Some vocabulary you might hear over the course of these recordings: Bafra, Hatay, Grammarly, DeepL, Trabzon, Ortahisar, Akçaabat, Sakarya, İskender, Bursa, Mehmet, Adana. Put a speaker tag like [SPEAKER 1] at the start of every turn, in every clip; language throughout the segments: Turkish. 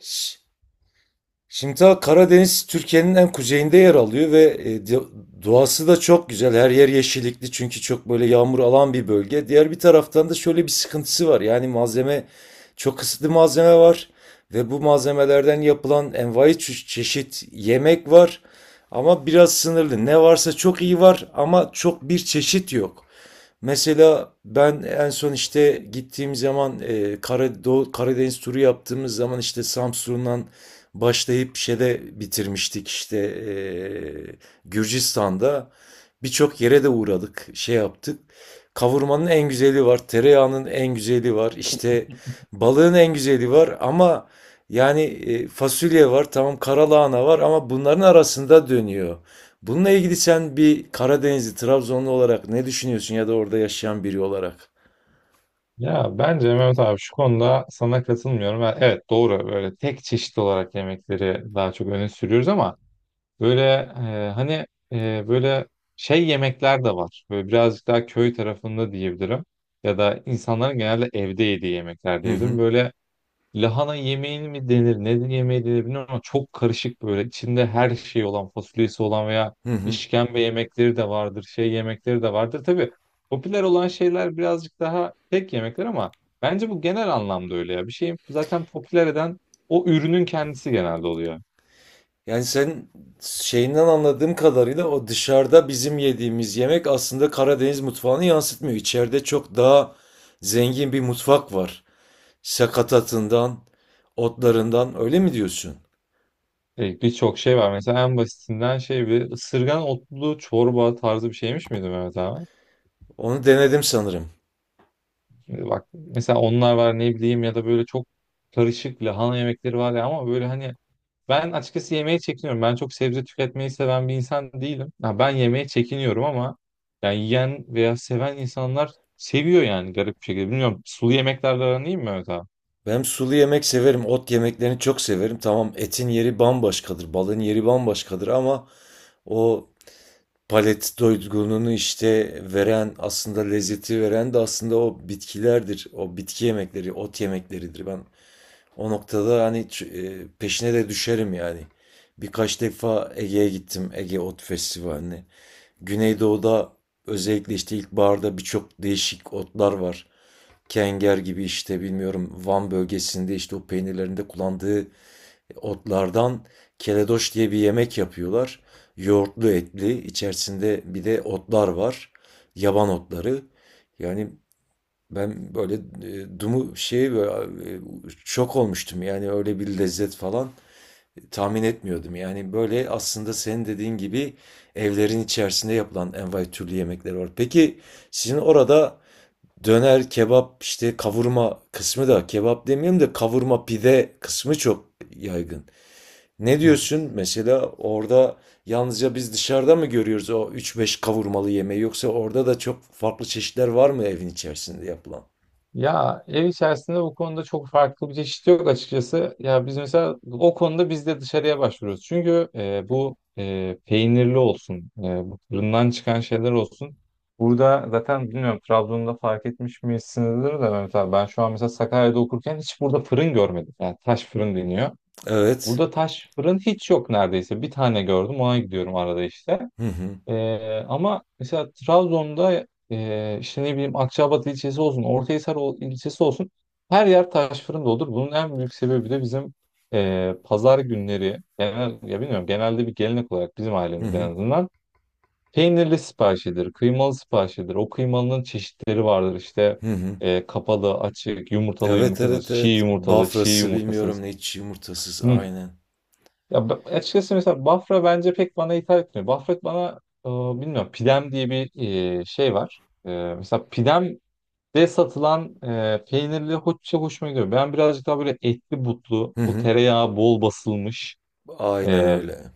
[SPEAKER 1] Ş- Şimdital Karadeniz Türkiye'nin en kuzeyinde yer alıyor ve doğası da çok güzel. Her yer yeşillikli, çünkü çok böyle yağmur alan bir bölge. Diğer bir taraftan da şöyle bir sıkıntısı var. Yani malzeme çok kısıtlı, malzeme var ve bu malzemelerden yapılan envai çeşit yemek var. Ama biraz sınırlı. Ne varsa çok iyi var ama çok bir çeşit yok. Mesela ben en son işte gittiğim zaman, Karadeniz turu yaptığımız zaman işte Samsun'dan başlayıp şeyde bitirmiştik, işte Gürcistan'da birçok yere de uğradık, şey yaptık. Kavurmanın en güzeli var, tereyağının en güzeli var, işte balığın en güzeli var ama yani fasulye var, tamam, karalahana var ama bunların arasında dönüyor. Bununla ilgili sen bir Karadenizli, Trabzonlu olarak ne düşünüyorsun ya da orada yaşayan biri olarak?
[SPEAKER 2] Ya bence Mehmet abi şu konuda sana katılmıyorum. Evet doğru, böyle tek çeşit olarak yemekleri daha çok öne sürüyoruz ama böyle e, hani böyle şey yemekler de var. Böyle birazcık daha köy tarafında diyebilirim. Ya da insanların genelde evde yediği yemekler
[SPEAKER 1] Hı hı,
[SPEAKER 2] diyebilirim. Böyle lahana yemeğini mi denir, neden yemeği denir bilmiyorum ama çok karışık böyle. İçinde her şey olan, fasulyesi olan veya
[SPEAKER 1] hı hı.
[SPEAKER 2] işkembe yemekleri de vardır, şey yemekleri de vardır. Tabii popüler olan şeyler birazcık daha tek yemekler ama bence bu genel anlamda öyle ya. Bir şeyi zaten popüler eden o ürünün kendisi genelde oluyor.
[SPEAKER 1] Yani sen şeyinden anladığım kadarıyla o dışarıda bizim yediğimiz yemek aslında Karadeniz mutfağını yansıtmıyor. İçeride çok daha zengin bir mutfak var. Sakatatından, otlarından öyle mi diyorsun?
[SPEAKER 2] Birçok şey var. Mesela en basitinden şey bir ısırgan otlu çorba tarzı bir şeymiş miydi Mehmet abi?
[SPEAKER 1] Onu denedim sanırım.
[SPEAKER 2] Bak mesela onlar var, ne bileyim, ya da böyle çok karışık lahana yemekleri var ya ama böyle hani ben açıkçası yemeğe çekiniyorum. Ben çok sebze tüketmeyi seven bir insan değilim. Ha, ben yemeğe çekiniyorum ama yani yiyen veya seven insanlar seviyor yani garip bir şekilde. Bilmiyorum, sulu yemeklerle aran iyi mi Mehmet abi?
[SPEAKER 1] Ben sulu yemek severim, ot yemeklerini çok severim. Tamam, etin yeri bambaşkadır, balığın yeri bambaşkadır ama o palet doygunluğunu, işte, veren, aslında lezzeti veren de aslında o bitkilerdir. O bitki yemekleri, ot yemekleridir. Ben o noktada, hani, peşine de düşerim, yani. Birkaç defa Ege'ye gittim, Ege Ot Festivali'ne. Güneydoğu'da özellikle, işte, ilkbaharda birçok değişik otlar var. Kenger gibi, işte, bilmiyorum, Van bölgesinde, işte, o peynirlerinde kullandığı otlardan keledoş diye bir yemek yapıyorlar. Yoğurtlu, etli, içerisinde bir de otlar var. Yaban otları. Yani ben böyle e, dumu şey böyle e, şok olmuştum. Yani öyle bir lezzet falan tahmin etmiyordum. Yani böyle aslında senin dediğin gibi evlerin içerisinde yapılan envai türlü yemekler var. Peki sizin orada döner, kebap, işte kavurma kısmı, da kebap demeyeyim de kavurma pide kısmı çok yaygın. Ne diyorsun? Mesela orada yalnızca biz dışarıda mı görüyoruz o üç beş kavurmalı yemeği, yoksa orada da çok farklı çeşitler var mı evin içerisinde yapılan?
[SPEAKER 2] Ya ev içerisinde bu konuda çok farklı bir çeşit yok açıkçası. Ya biz mesela o konuda biz de dışarıya başvuruyoruz. Çünkü bu peynirli olsun, bu fırından çıkan şeyler olsun. Burada zaten bilmiyorum Trabzon'da fark etmiş misinizdir de Mehmet abi. Ben şu an mesela Sakarya'da okurken hiç burada fırın görmedim. Yani taş fırın deniyor.
[SPEAKER 1] Evet.
[SPEAKER 2] Burada taş fırın hiç yok neredeyse. Bir tane gördüm, ona gidiyorum arada işte.
[SPEAKER 1] Hı hı.
[SPEAKER 2] Ama mesela Trabzon'da işte ne bileyim Akçaabat ilçesi olsun, ilçesi olsun her yer taş fırın olur. Bunun en büyük sebebi de bizim pazar günleri genel, ya bilmiyorum genelde bir gelenek olarak bizim
[SPEAKER 1] Hı
[SPEAKER 2] ailemizde
[SPEAKER 1] hı.
[SPEAKER 2] en azından peynirli siparişidir, kıymalı siparişidir. O kıymalının çeşitleri vardır işte
[SPEAKER 1] Hı hı.
[SPEAKER 2] kapalı, açık, yumurtalı
[SPEAKER 1] Evet,
[SPEAKER 2] yumurtasız,
[SPEAKER 1] evet,
[SPEAKER 2] çiğ
[SPEAKER 1] evet.
[SPEAKER 2] yumurtalı, çiğ
[SPEAKER 1] Bafrası bilmiyorum
[SPEAKER 2] yumurtasız.
[SPEAKER 1] ne, hiç yumurtasız, aynen.
[SPEAKER 2] Açıkçası mesela Bafra bence pek bana hitap etmiyor. Bafra bana bilmiyorum pidem diye bir şey var. E, mesela pidemde satılan peynirli hoşça hoşuma gidiyor. Ben birazcık daha böyle etli butlu,
[SPEAKER 1] Hı
[SPEAKER 2] o
[SPEAKER 1] hı.
[SPEAKER 2] tereyağı bol basılmış.
[SPEAKER 1] Aynen
[SPEAKER 2] e,
[SPEAKER 1] öyle.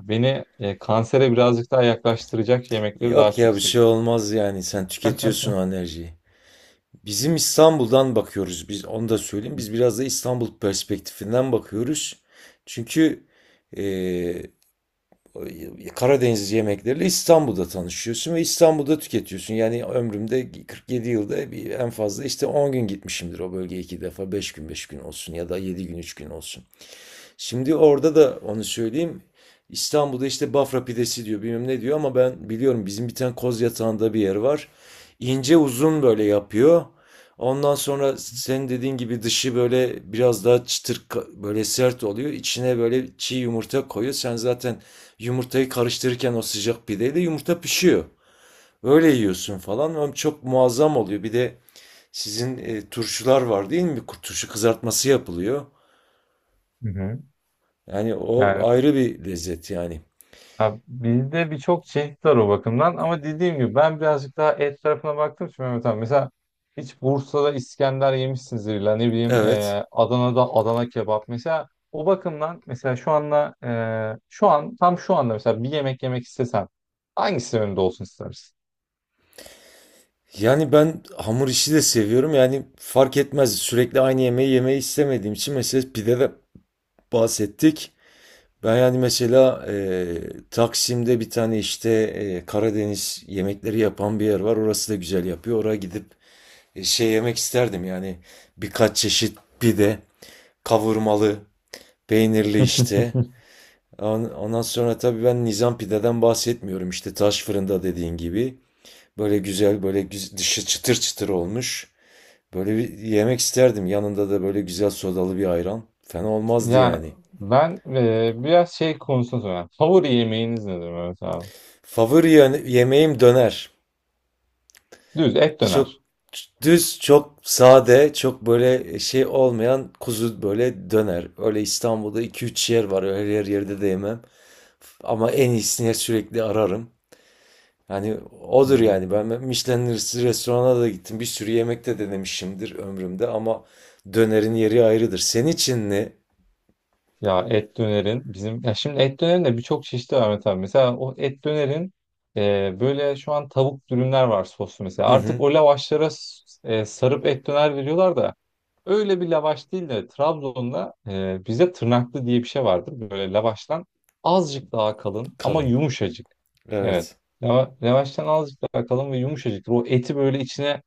[SPEAKER 2] Beni kansere birazcık daha yaklaştıracak yemekleri daha
[SPEAKER 1] Yok ya,
[SPEAKER 2] çok
[SPEAKER 1] bir şey
[SPEAKER 2] seviyorum.
[SPEAKER 1] olmaz yani, sen tüketiyorsun o enerjiyi. Bizim İstanbul'dan bakıyoruz, biz onu da söyleyeyim. Biz biraz da İstanbul perspektifinden bakıyoruz. Çünkü Karadeniz yemekleriyle İstanbul'da tanışıyorsun ve İstanbul'da tüketiyorsun. Yani ömrümde 47 yılda en fazla işte 10 gün gitmişimdir o bölgeye iki defa. 5 gün 5 gün olsun ya da 7 gün 3 gün olsun. Şimdi orada da onu söyleyeyim. İstanbul'da işte Bafra pidesi diyor, bilmem ne diyor ama ben biliyorum, bizim bir tane koz yatağında bir yer var. İnce uzun böyle yapıyor. Ondan sonra senin dediğin gibi dışı böyle biraz daha çıtır, böyle sert oluyor. İçine böyle çiğ yumurta koyuyor. Sen zaten yumurtayı karıştırırken o sıcak pideyle yumurta pişiyor. Öyle yiyorsun falan. Ama çok muazzam oluyor. Bir de sizin turşular var değil mi? Turşu kızartması yapılıyor.
[SPEAKER 2] Hı hı.
[SPEAKER 1] Yani o
[SPEAKER 2] Yani
[SPEAKER 1] ayrı bir lezzet yani.
[SPEAKER 2] ya bizde birçok çeşit var o bakımdan ama dediğim gibi ben birazcık daha et tarafına baktım şimdi Mehmet abi. Mesela hiç Bursa'da İskender yemişsinizdir, illa ne bileyim
[SPEAKER 1] Evet.
[SPEAKER 2] Adana'da Adana kebap. Mesela o bakımdan mesela şu an tam şu anda mesela bir yemek yemek istesen hangisi önünde olsun istersin?
[SPEAKER 1] Yani ben hamur işi de seviyorum. Yani fark etmez. Sürekli aynı yemeği yemeyi istemediğim için mesela pide de bahsettik. Ben yani mesela Taksim'de bir tane işte Karadeniz yemekleri yapan bir yer var. Orası da güzel yapıyor. Oraya gidip şey yemek isterdim. Yani birkaç çeşit pide, kavurmalı, peynirli işte. Ondan sonra tabii ben Nizam pideden bahsetmiyorum. İşte taş fırında dediğin gibi. Böyle güzel, böyle güz dışı çıtır çıtır olmuş. Böyle bir yemek isterdim. Yanında da böyle güzel sodalı bir ayran. Fena olmazdı
[SPEAKER 2] Ya
[SPEAKER 1] yani.
[SPEAKER 2] ben biraz şey konusunda soruyorum. Favori yemeğiniz nedir Mehmet abi?
[SPEAKER 1] Favori yemeğim döner.
[SPEAKER 2] Düz et
[SPEAKER 1] Çok
[SPEAKER 2] döner.
[SPEAKER 1] düz, çok sade, çok böyle şey olmayan kuzu böyle döner. Öyle İstanbul'da iki üç yer var. Öyle her yerde de yemem. Ama en iyisini sürekli ararım. Yani odur yani. Ben
[SPEAKER 2] Hmm.
[SPEAKER 1] Michelin restorana da gittim. Bir sürü yemek de denemişimdir ömrümde ama dönerin yeri ayrıdır. Senin için ne?
[SPEAKER 2] Ya et dönerin bizim, ya şimdi et dönerin de birçok çeşidi var Mete abi. Mesela o et dönerin böyle şu an tavuk dürümler var soslu mesela.
[SPEAKER 1] Hı
[SPEAKER 2] Artık
[SPEAKER 1] hı.
[SPEAKER 2] o lavaşlara s- e, sarıp et döner veriyorlar da öyle bir lavaş değil de Trabzon'da bize tırnaklı diye bir şey vardır. Böyle lavaştan azıcık daha kalın ama
[SPEAKER 1] Kalın.
[SPEAKER 2] yumuşacık. Evet.
[SPEAKER 1] Evet.
[SPEAKER 2] Lavaştan azıcık daha kalın ve yumuşacık. O eti böyle içine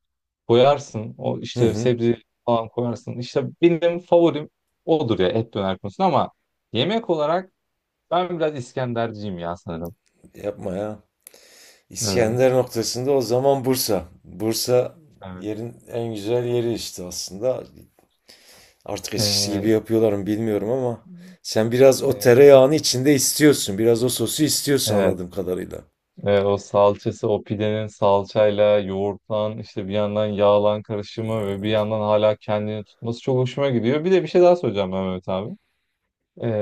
[SPEAKER 2] koyarsın. O
[SPEAKER 1] Hı
[SPEAKER 2] işte
[SPEAKER 1] hı.
[SPEAKER 2] sebze falan koyarsın. İşte benim favorim odur ya et döner konusunda ama yemek olarak ben biraz İskenderciyim ya sanırım.
[SPEAKER 1] Yapma ya. İskender
[SPEAKER 2] Evet.
[SPEAKER 1] noktasında o zaman Bursa. Bursa
[SPEAKER 2] Evet.
[SPEAKER 1] yerin en güzel yeri işte aslında. Artık eskisi gibi
[SPEAKER 2] Ee,
[SPEAKER 1] yapıyorlar mı bilmiyorum ama sen biraz o
[SPEAKER 2] e,
[SPEAKER 1] tereyağını içinde istiyorsun. Biraz o sosu istiyorsun
[SPEAKER 2] Evet.
[SPEAKER 1] anladığım kadarıyla.
[SPEAKER 2] Ve o salçası, o pidenin salçayla yoğurtlan, işte bir yandan yağlan karışımı ve bir yandan hala kendini tutması çok hoşuma gidiyor. Bir de bir şey daha söyleyeceğim Mehmet abi.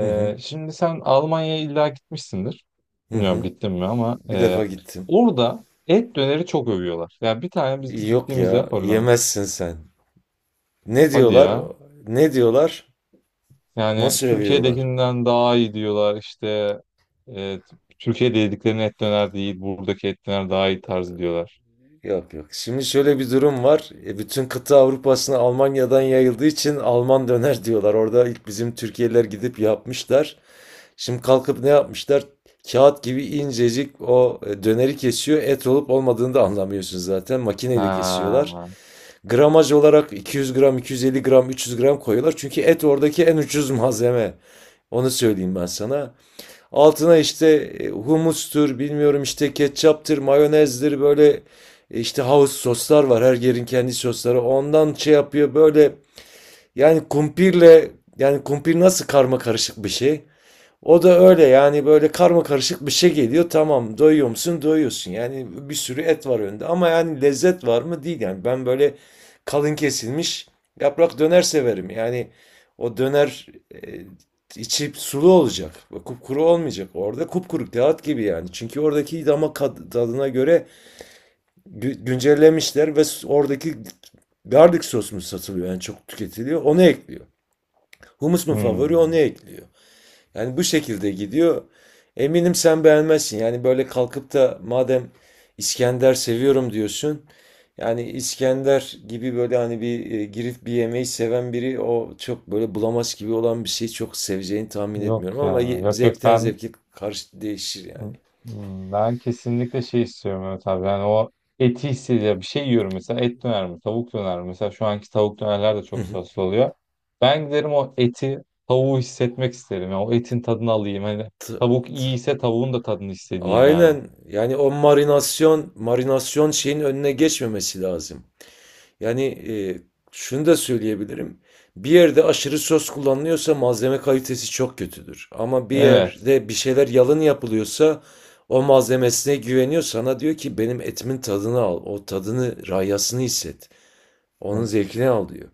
[SPEAKER 1] Hı hı.
[SPEAKER 2] Şimdi sen Almanya'ya illa gitmişsindir.
[SPEAKER 1] Hı
[SPEAKER 2] Bilmiyorum
[SPEAKER 1] hı.
[SPEAKER 2] gittin mi ama
[SPEAKER 1] Bir defa gittim.
[SPEAKER 2] orada et döneri çok övüyorlar. Yani bir tane biz
[SPEAKER 1] Yok
[SPEAKER 2] gittiğimizde
[SPEAKER 1] ya,
[SPEAKER 2] Hollanda.
[SPEAKER 1] yemezsin sen. Ne
[SPEAKER 2] Hadi
[SPEAKER 1] diyorlar?
[SPEAKER 2] ya.
[SPEAKER 1] Ne diyorlar?
[SPEAKER 2] Yani
[SPEAKER 1] Nasıl övüyorlar?
[SPEAKER 2] Türkiye'dekinden daha iyi diyorlar işte. E, Türkiye'de yediklerinin et döner değil, buradaki et döner daha iyi tarzı diyorlar.
[SPEAKER 1] Yok, yok. Şimdi şöyle bir durum var. Bütün kıta Avrupa'sına Almanya'dan yayıldığı için Alman döner diyorlar. Orada ilk bizim Türkiye'liler gidip yapmışlar. Şimdi kalkıp ne yapmışlar? Kağıt gibi incecik o döneri kesiyor. Et olup olmadığını da anlamıyorsun zaten. Makineyle kesiyorlar.
[SPEAKER 2] Ha.
[SPEAKER 1] Gramaj olarak 200 gram, 250 gram, 300 gram koyuyorlar. Çünkü et oradaki en ucuz malzeme. Onu söyleyeyim ben sana. Altına işte humustur, bilmiyorum, işte ketçaptır, mayonezdir, böyle işte house soslar var. Her yerin kendi sosları. Ondan şey yapıyor böyle, yani kumpirle, yani kumpir nasıl karma karışık bir şey. O da öyle yani, böyle karma karışık bir şey geliyor. Tamam, doyuyor musun? Doyuyorsun. Yani bir sürü et var önünde ama yani lezzet var mı? Değil yani. Ben böyle kalın kesilmiş yaprak döner severim. Yani o döner e, içi sulu olacak. Kupkuru olmayacak. Orada kupkuru kağıt gibi yani. Çünkü oradaki damak tadına göre güncellemişler ve oradaki garlic sos mu satılıyor yani, çok tüketiliyor. Onu ekliyor. Humus mu favori, onu
[SPEAKER 2] Hmm.
[SPEAKER 1] ekliyor. Yani bu şekilde gidiyor. Eminim sen beğenmezsin. Yani böyle kalkıp da, madem İskender seviyorum diyorsun. Yani İskender gibi böyle, hani, bir girip bir yemeği seven biri o çok böyle bulamaz gibi olan bir şeyi çok seveceğini tahmin
[SPEAKER 2] Yok
[SPEAKER 1] etmiyorum
[SPEAKER 2] ya.
[SPEAKER 1] ama
[SPEAKER 2] Yok yok,
[SPEAKER 1] zevkten zevke karşı değişir yani.
[SPEAKER 2] ben kesinlikle şey istiyorum Mehmet abi. Yani o eti hissediyor. Bir şey yiyorum, mesela et döner mi? Tavuk döner mi? Mesela şu anki tavuk dönerler de çok soslu oluyor. Ben giderim o eti, tavuğu hissetmek isterim. Yani o etin tadını alayım. Hani
[SPEAKER 1] T-
[SPEAKER 2] tavuk iyiyse tavuğun da tadını istediğim yani.
[SPEAKER 1] Aynen, yani o marinasyon şeyin önüne geçmemesi lazım. Yani şunu da söyleyebilirim. Bir yerde aşırı söz kullanılıyorsa malzeme kalitesi çok kötüdür. Ama bir
[SPEAKER 2] Evet.
[SPEAKER 1] yerde bir şeyler yalın yapılıyorsa o malzemesine güveniyor. Sana diyor ki benim etimin tadını al. O tadını, rayasını hisset. Onun
[SPEAKER 2] Evet.
[SPEAKER 1] zevkini al diyor.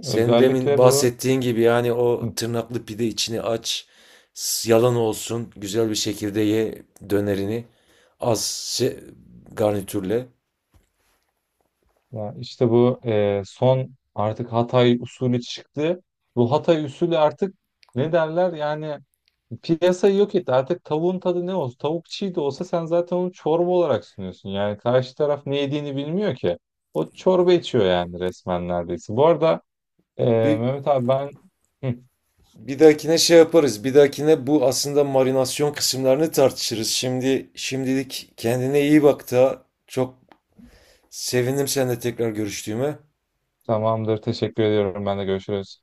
[SPEAKER 1] Senin demin
[SPEAKER 2] Özellikle bu
[SPEAKER 1] bahsettiğin gibi yani o
[SPEAKER 2] hı,
[SPEAKER 1] tırnaklı pide içini aç. Yalan olsun. Güzel bir şekilde ye dönerini. Az se- garnitürle.
[SPEAKER 2] ya işte bu son artık Hatay usulü çıktı. Bu Hatay usulü artık ne derler yani piyasayı yok etti. Artık tavuğun tadı ne olsun? Tavuk çiğ de olsa sen zaten onu çorba olarak sunuyorsun. Yani karşı taraf ne yediğini bilmiyor ki. O çorba içiyor yani resmen neredeyse. Bu arada e,
[SPEAKER 1] Bir
[SPEAKER 2] Mehmet abi ben hı,
[SPEAKER 1] Bir dahakine şey yaparız. Bir dahakine bu aslında marinasyon kısımlarını tartışırız. Şimdi şimdilik kendine iyi bak, da çok sevindim seninle tekrar görüştüğüme.
[SPEAKER 2] tamamdır. Teşekkür ediyorum. Ben de görüşürüz.